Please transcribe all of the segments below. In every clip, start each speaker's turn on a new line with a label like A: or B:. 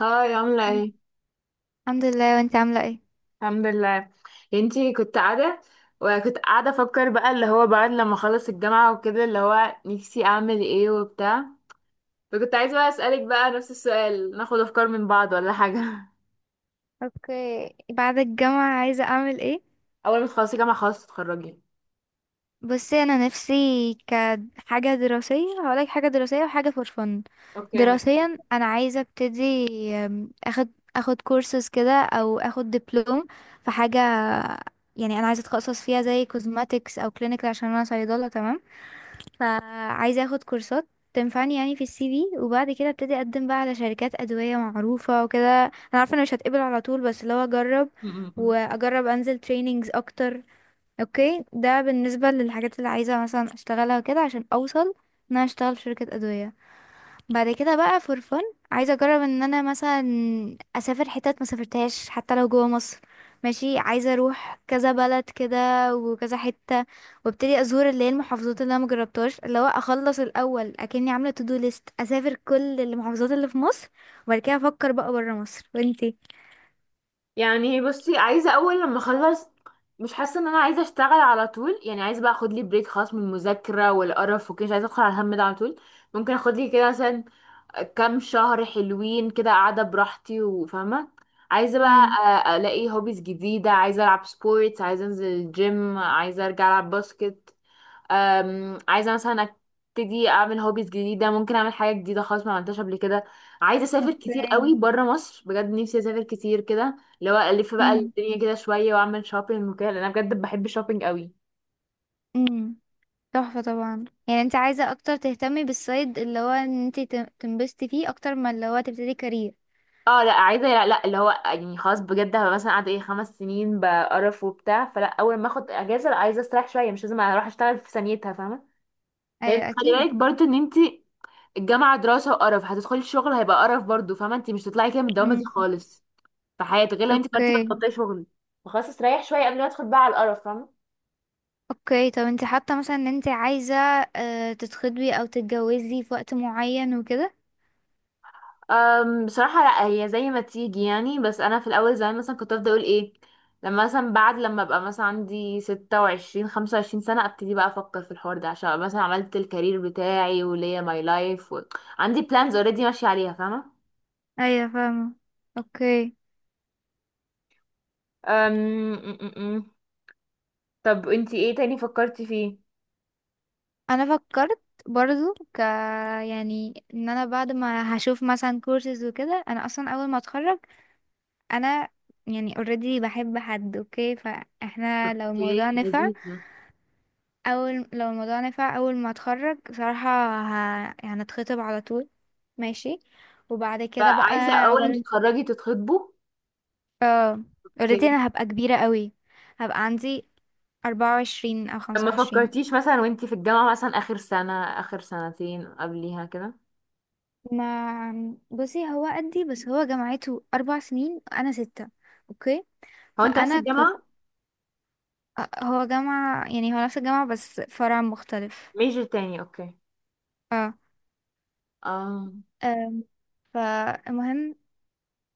A: هاي عاملة
B: الحمد
A: ايه؟
B: الحمد لله، وانت عاملة ايه؟
A: الحمد لله. انتي كنت قاعدة وكنت قاعدة افكر بقى اللي هو بعد لما اخلص الجامعة وكده اللي هو نفسي اعمل ايه وبتاع. فكنت عايزة بقى اسألك بقى نفس السؤال، ناخد افكار من بعض ولا حاجة؟
B: اوكي، بعد الجامعة عايزة اعمل ايه؟
A: اول ما تخلصي جامعة خلاص تتخرجي.
B: بصي، انا نفسي كحاجة دراسية هقولك حاجة دراسية وحاجة فور فن.
A: اوكي، ماشي.
B: دراسيا انا عايزة ابتدي ام، اخد اخد كورسز كده او اخد دبلوم في حاجة. يعني انا عايزة اتخصص فيها زي كوزماتكس او كلينيكال عشان انا صيدلة، تمام. فعايزة اخد كورسات تنفعني يعني في السي في، وبعد كده ابتدي اقدم بقى على شركات ادوية معروفة وكده. انا عارفة انا مش هتقبل على طول بس لو اجرب
A: م- م- م.
B: واجرب انزل تريننجز اكتر. اوكي، ده بالنسبة للحاجات اللي عايزة مثلا اشتغلها وكده عشان اوصل ان انا اشتغل في شركة ادوية. بعد كده بقى فور فن، عايزه اجرب ان انا مثلا اسافر حتت ما سافرتهاش حتى لو جوه مصر. ماشي، عايزه اروح كذا بلد كده وكذا حته وابتدي ازور اللي هي المحافظات اللي انا مجربتهاش، اللي هو اخلص الاول اكني عامله تو دو ليست، اسافر كل المحافظات اللي في مصر وبعد كده افكر بقى بره مصر. وانتي؟
A: يعني بصي، عايزة اول لما اخلص مش حاسة ان انا عايزة اشتغل على طول، يعني عايزة بقى اخد لي بريك خاص من المذاكرة والقرف وكده، مش عايزة ادخل على الهم ده على طول. ممكن اخد لي كده مثلا كام شهر حلوين كده قاعدة براحتي وفاهمة. عايزة بقى
B: امم.
A: ألاقي هوبيز جديدة، عايزة ألعب سبورتس، عايزة أنزل الجيم، عايزة أرجع ألعب باسكت. عايزة مثلا أبتدي أعمل هوبيز جديدة، ممكن أعمل حاجة جديدة خالص ما عملتهاش قبل كده. عايزة أسافر كتير
B: اوكي.
A: قوي برا مصر، بجد نفسي أسافر كتير كده، اللي هو ألف بقى
B: امم.
A: الدنيا كده شوية وأعمل شوبينج وكده، لأن أنا بجد بحب الشوبينج قوي.
B: امم. تحفه طبعا، يعني انت عايزه اكتر تهتمي بالصيد اللي هو ان انت تنبسطي فيه اكتر ما اللي هو تبتدي كارير.
A: اه لا عايزه، لا لا، اللي هو يعني خلاص بجد هبقى مثلا قاعده ايه 5 سنين بقرف وبتاع، فلا اول ما اخد اجازه لا عايزه استريح شويه، مش لازم اروح اشتغل في ثانيتها، فاهمه؟ لان
B: ايوه
A: خلي
B: اكيد.
A: بالك برضو ان انت الجامعه دراسه وقرف، هتدخلي الشغل هيبقى قرف برضو، فاهمه انت مش هتطلعي كده من الدوامه
B: مم.
A: دي خالص في حياتك، غير لو انت قررتي بقى
B: اوكي.
A: تبطلي شغل. فخلاص استريح شويه قبل ما ادخل بقى على القرف، فاهمه؟
B: اوكي، طب انت حاطه مثلا ان انت عايزه تتخطبي او تتجوزي في وقت معين وكده؟
A: بصراحة لا، هي زي ما تيجي يعني، بس أنا في الأول زمان مثلا كنت أفضل أقول إيه، لما مثلا بعد لما أبقى مثلا عندي 26 25 سنة أبتدي بقى أفكر في الحوار ده، عشان أبقى مثلا عملت الكارير بتاعي وليا ماي لايف و عندي بلانز اوريدي ماشية عليها، فاهمة؟
B: ايوه فاهمه. اوكي.
A: أم... م- م- م. طب انتي ايه تاني فكرتي فيه؟
B: انا فكرت برضو ك، يعني ان انا بعد ما هشوف مثلا كورسز وكده انا اصلا اول ما اتخرج انا، يعني اوريدي بحب حد، اوكي؟ فاحنا لو
A: اوكي،
B: الموضوع نفع،
A: لذيذة.
B: اول لو الموضوع نفع اول ما اتخرج صراحه يعني هنتخطب على طول، ماشي، وبعد كده بقى
A: فعايزة أول ما
B: عقبال.
A: تتخرجي تتخطبوا.
B: اه. اوريدي
A: اوكي.
B: انا هبقى كبيرة قوي، هبقى عندي 24 او
A: طب
B: خمسة
A: ما
B: وعشرين
A: فكرتيش مثلا وانتي في الجامعة مثلا آخر سنة، آخر سنتين قبليها كده؟
B: ما بصي هو قدي، بس هو جامعته 4 سنين انا 6. اوكي.
A: هو انت نفس
B: فانا كنت
A: الجامعة؟
B: هو جامعة، يعني هو نفس الجامعة بس فرع مختلف.
A: ميجر تاني، اوكي.
B: اه.
A: اه.
B: آم، فالمهم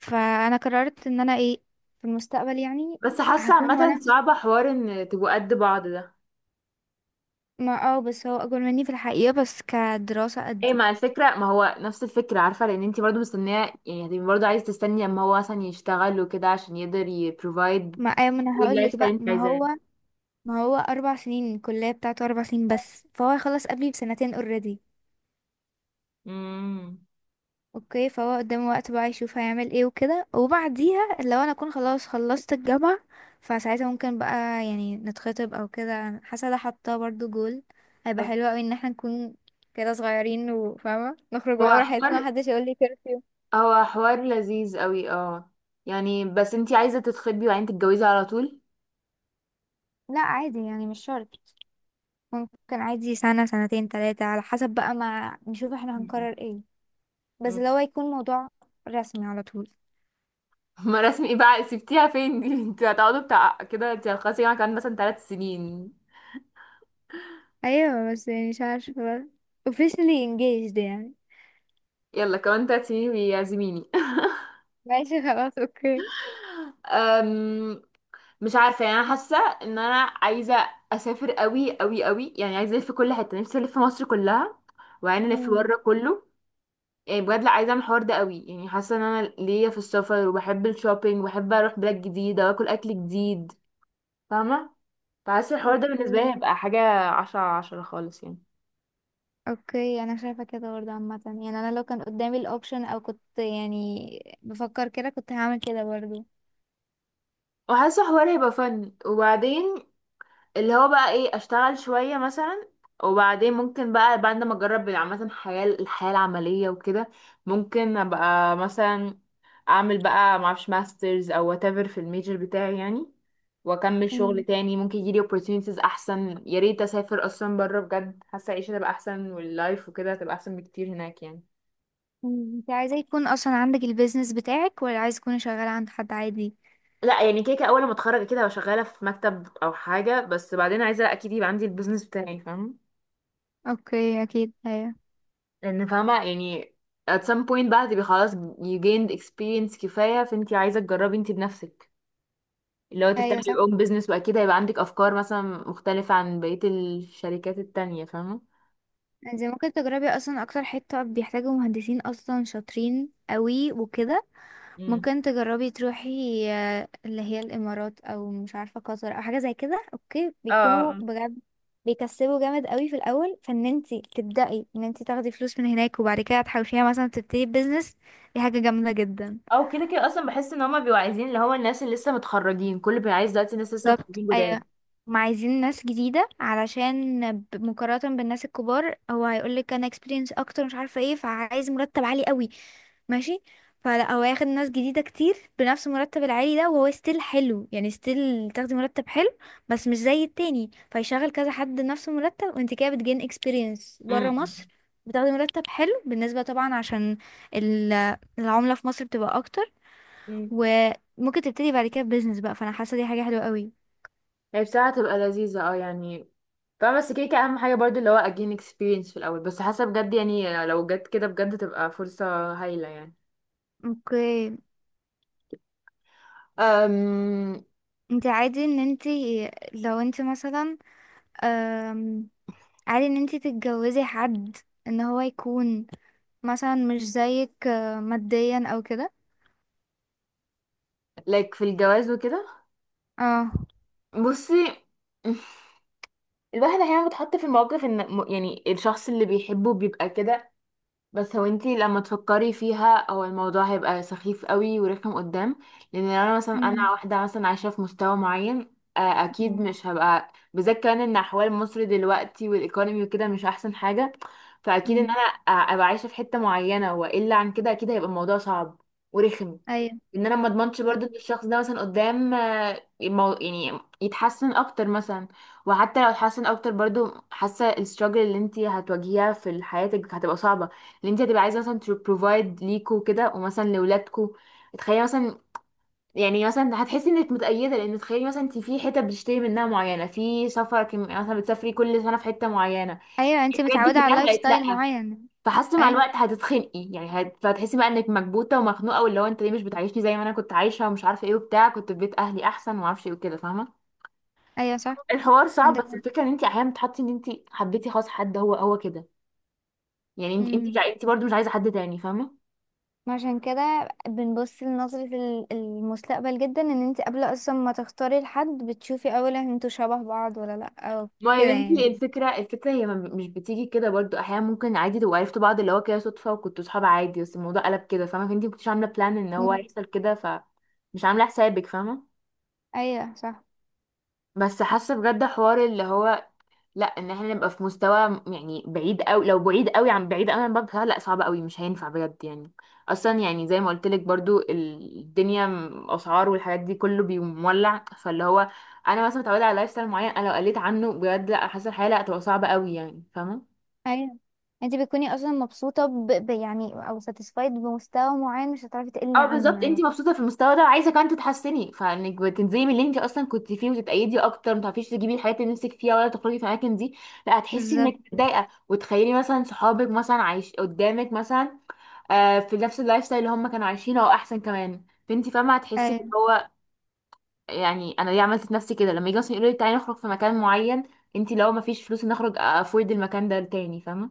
B: فانا قررت ان انا ايه في المستقبل، يعني
A: بس حاسه
B: هكون.
A: عامه
B: وانا
A: صعبه حوار ان تبقوا قد بعض ده.
B: ما اه بس هو اكبر مني في الحقيقة بس كدراسة
A: ايه
B: قدي.
A: مع الفكره؟ ما هو نفس الفكره، عارفه لان انتي برضو مستنيه، يعني هتبقي برضو عايزه تستني اما هو مثلا يشتغل وكده عشان يقدر يبروفايد
B: ما ايوه، ما انا هقول
A: اللايف
B: لك
A: ستايل
B: بقى،
A: اللي انت
B: ما
A: عايزاه.
B: هو، ما هو 4 سنين الكلية بتاعته، 4 سنين بس، فهو هيخلص قبلي بسنتين اوريدي.
A: امم.
B: اوكي، فهو قدامه وقت بقى يشوف هيعمل ايه وكده، وبعديها لو انا اكون خلاص خلصت الجامعة، فساعتها ممكن بقى يعني نتخطب او كده. حاسة ده حاطاه برضو جول، هيبقى حلو اوي ان احنا نكون كده صغيرين وفاهمة نخرج
A: هو
B: بقى
A: حوار،
B: براحتنا، محدش يقول لي كرفيو.
A: هو حوار لذيذ قوي، اه يعني. بس انتي عايزه تتخطبي وبعدين تتجوزي على طول؟
B: لا عادي يعني مش شرط، ممكن عادي سنة سنتين تلاتة على حسب بقى، ما نشوف احنا
A: مم.
B: هنقرر ايه. بس
A: مم.
B: لو هيكون موضوع رسمي على طول.
A: ما رسمي ايه بقى، سبتيها فين دي؟ انتوا هتقعدوا بتاع كده، انتي هتخلصي يعني كمان مثلا 3 سنين.
B: ايوه بس يعني مش عارفة بقى officially engaged يعني.
A: يلا كمان 3 سنين بيعزميني.
B: ماشي خلاص اوكي.
A: أم، مش عارفة يعني، أنا حاسة إن أنا عايزة أسافر أوي أوي أوي، يعني عايزة ألف في كل حتة، نفسي ألف في مصر كلها وبعدين ألف
B: امم.
A: بره كله. يعني بجد لا، عايزة أعمل الحوار ده أوي، يعني حاسة إن أنا ليا في السفر، وبحب الشوبينج وبحب أروح بلاد جديدة وآكل أكل جديد، فاهمة؟ فحاسة الحوار ده بالنسبة
B: اوكي.
A: لي هيبقى حاجة 10/10 خالص يعني.
B: اوكي، انا شايفة كده برضه عامة، يعني انا لو كان قدامي الاوبشن او كنت يعني بفكر كده كنت هعمل كده برضه.
A: وحاسة الحوار هيبقى فن، وبعدين اللي هو بقى ايه، اشتغل شوية مثلا، وبعدين ممكن بقى بعد ما اجرب عامة الحياة، الحياة العملية وكده، ممكن ابقى مثلا اعمل بقى معرفش ماسترز او whatever في الميجر بتاعي يعني، واكمل شغل
B: امم.
A: تاني، ممكن يجيلي opportunities احسن، يا ريت اسافر اصلا بره بجد، حاسة العيشة تبقى احسن واللايف وكده تبقى احسن بكتير هناك يعني.
B: امم. انت عايزة يكون اصلا عندك البيزنس بتاعك ولا عايز تكوني شغالة عند حد عادي؟
A: لا يعني كده كده اول ما اتخرج كده هبقى شغالة في مكتب او حاجة، بس بعدين عايزة اكيد يبقى عندي البيزنس بتاعي، فاهم؟
B: اوكي اكيد. ايوه.
A: لان فاهمة يعني at some point بقى هتبقي خلاص you gained experience كفاية، فانتي عايزة تجربي انتي بنفسك، اللي هو تفتحي
B: ايوه صح.
A: your own business، واكيد هيبقى عندك افكار مثلا مختلفة عن بقية الشركات التانية، فاهمة؟
B: انت ممكن تجربي اصلا اكتر حتة بيحتاجوا مهندسين اصلا شاطرين قوي وكده.
A: امم.
B: ممكن تجربي تروحي اللي هي الامارات او مش عارفه قطر او حاجه زي كده. اوكي
A: اه. آه،
B: بيكونوا
A: آه.
B: بجد بيكسبوا جامد قوي في الاول، فان انتي تبداي ان انتي تاخدي فلوس من هناك وبعد كده تحوشيها مثلا تبتدي بيزنس، دي حاجه جامده جدا.
A: او كده كده اصلا بحس ان هما بيبقوا عايزين اللي هو الناس اللي لسه متخرجين، كل بيبقى عايز دلوقتي الناس لسه
B: بالظبط
A: متخرجين جداد.
B: ايوه، ما عايزين ناس جديده علشان مقارنه بالناس الكبار، هو هيقولك انا اكسبيرينس اكتر مش عارفه ايه، فعايز مرتب عالي قوي، ماشي، فلا هو هياخد ناس جديدة كتير بنفس المرتب العالي ده، وهو ستيل حلو، يعني ستيل تاخدي مرتب حلو، بس مش زي التاني فيشغل كذا حد نفس المرتب، وانت كده بتجين اكسبيرينس بره
A: امم.
B: مصر، بتاخدي مرتب حلو بالنسبة طبعا عشان ال- العملة في مصر بتبقى اكتر.
A: امم.
B: وممكن تبتدي بعد كده بيزنس بقى، فانا حاسة دي حاجة حلوة قوي.
A: هي بصراحة هتبقى لذيذة، اه يعني، فاهمة بس كده كده اهم حاجة برضو اللي هو again experience في الاول، بس حاسة بجد يعني لو جت كده بجد تبقى فرصة هايلة يعني.
B: اوكي.
A: أم...
B: انت عادي ان انت لو انت مثلا أم، عادي ان انت تتجوزي حد ان هو يكون مثلا مش زيك ماديا او كده؟
A: like في الجواز وكده.
B: اه.
A: بصي، الواحد احيانا بيتحط في الموقف ان يعني الشخص اللي بيحبه بيبقى كده، بس هو انتي لما تفكري فيها هو الموضوع هيبقى سخيف قوي ورخم قدام، لان لو انا مثلا،
B: مم.
A: انا واحده مثلا عايشه في مستوى معين آه، اكيد
B: مم.
A: مش هبقى، بالذات كمان ان احوال مصر دلوقتي والايكونومي وكده مش احسن حاجه، فاكيد ان
B: مم.
A: انا ابقى عايشه في حته معينه، والا عن كده اكيد هيبقى الموضوع صعب ورخم.
B: ايوه
A: ان انا ما اضمنش
B: صح.
A: برضو ان الشخص ده مثلا قدام آه، يعني يتحسن اكتر مثلا، وحتى لو اتحسن اكتر برضو حاسه الستراجل اللي انت هتواجهيها في حياتك هتبقى صعبه، اللي انت هتبقى عايزه مثلا تبروفايد ليكوا كده ومثلا لولادكوا. تخيلي مثلا، يعني مثلا هتحسي انك متأيدة، لان تخيلي مثلا انت في حتة بتشتري منها معينة، في سفر مثلا بتسافري كل سنة في حتة معينة،
B: ايوه انتي
A: الحاجات
B: متعودة
A: دي
B: على
A: كلها
B: لايف
A: بقت لأ.
B: ستايل معين.
A: فحاسه مع
B: ايوه.
A: الوقت هتتخنقي، يعني هتحسي بقى انك مكبوته ومخنوقه، واللي هو انت ليه مش بتعيشني زي ما انا كنت عايشه، ومش عارفه ايه وبتاع، كنت في بيت اهلي احسن وما اعرفش ايه وكده، فاهمه؟
B: ايوه صح.
A: الحوار صعب،
B: عندك
A: بس
B: حق.
A: الفكره ان انت احيانا بتحطي ان انت حبيتي خلاص حد هو هو كده، يعني انت انت
B: مم.
A: انت برضه مش عايزه حد تاني، فاهمه؟
B: عشان كده بنبص لنظرة المستقبل جدا، ان انت قبل اصلا ما تختاري لحد بتشوفي اولا انتوا شبه بعض ولا لا، او
A: ما
B: كده
A: يا بنتي
B: يعني.
A: الفكره، الفكره هي مش بتيجي كده برضه، احيانا ممكن عادي تبقوا عرفتوا بعض اللي هو كده صدفه، وكنتوا صحاب عادي بس الموضوع قلب كده، فاهمه؟ فانت ما كنتيش عامله بلان ان هو
B: مم.
A: يحصل كده، فمش عامله حسابك فاهمه.
B: ايوه صح.
A: بس حاسه بجد حوار اللي هو لا، ان احنا نبقى في مستوى يعني بعيد قوي، لو بعيد قوي عن، بعيد قوي عن بعض، بصراحة لا صعب قوي مش هينفع بجد يعني. اصلا يعني زي ما قلت لك برضو الدنيا اسعار والحاجات دي كله بيولع، فاللي هو انا مثلا متعوده على لايف ستايل معين، انا لو قلت عنه بجد لا، حاسه الحياه لا هتبقى صعبه قوي يعني، فاهمه؟
B: ايوه. انت بتكوني اصلا مبسوطة يعني او ساتيسفايد بمستوى معين، مش هتعرفي تقلي
A: اه
B: عنه
A: بالظبط، انت
B: يعني.
A: مبسوطه في المستوى ده وعايزه كمان تتحسني، فانك بتنزلي من اللي انت اصلا كنت فيه وتتأيدي اكتر، ما تعرفيش تجيبي الحاجات اللي نفسك فيها، ولا تخرجي في الاماكن دي، لا هتحسي
B: بالظبط
A: انك متضايقه، وتخيلي مثلا صحابك مثلا عايش قدامك مثلا آه، في نفس اللايف ستايل اللي هم كانوا عايشينه او احسن كمان، فانت فاهمه هتحسي ان
B: ايوه.
A: هو يعني انا ليه عملت في نفسي كده؟ لما يجي مثلا يقولوا لي تعالي نخرج في مكان معين، انت لو ما فيش فلوس نخرج افورد المكان ده تاني، فاهمه؟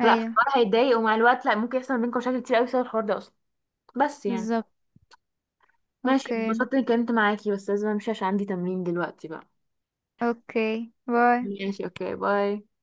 A: فلا في
B: ايوه
A: الحوار هيتضايق، ومع الوقت لا ممكن يحصل بينكم مشاكل كتير قوي بسبب الحوار ده اصلا، بس يعني.
B: بالظبط.
A: ماشي،
B: اوكي.
A: اتبسطت اني اتكلمت معاكي، بس لازم امشي عشان عندي تمرين دلوقتي بقى.
B: اوكي باي.
A: ماشي، اوكي باي.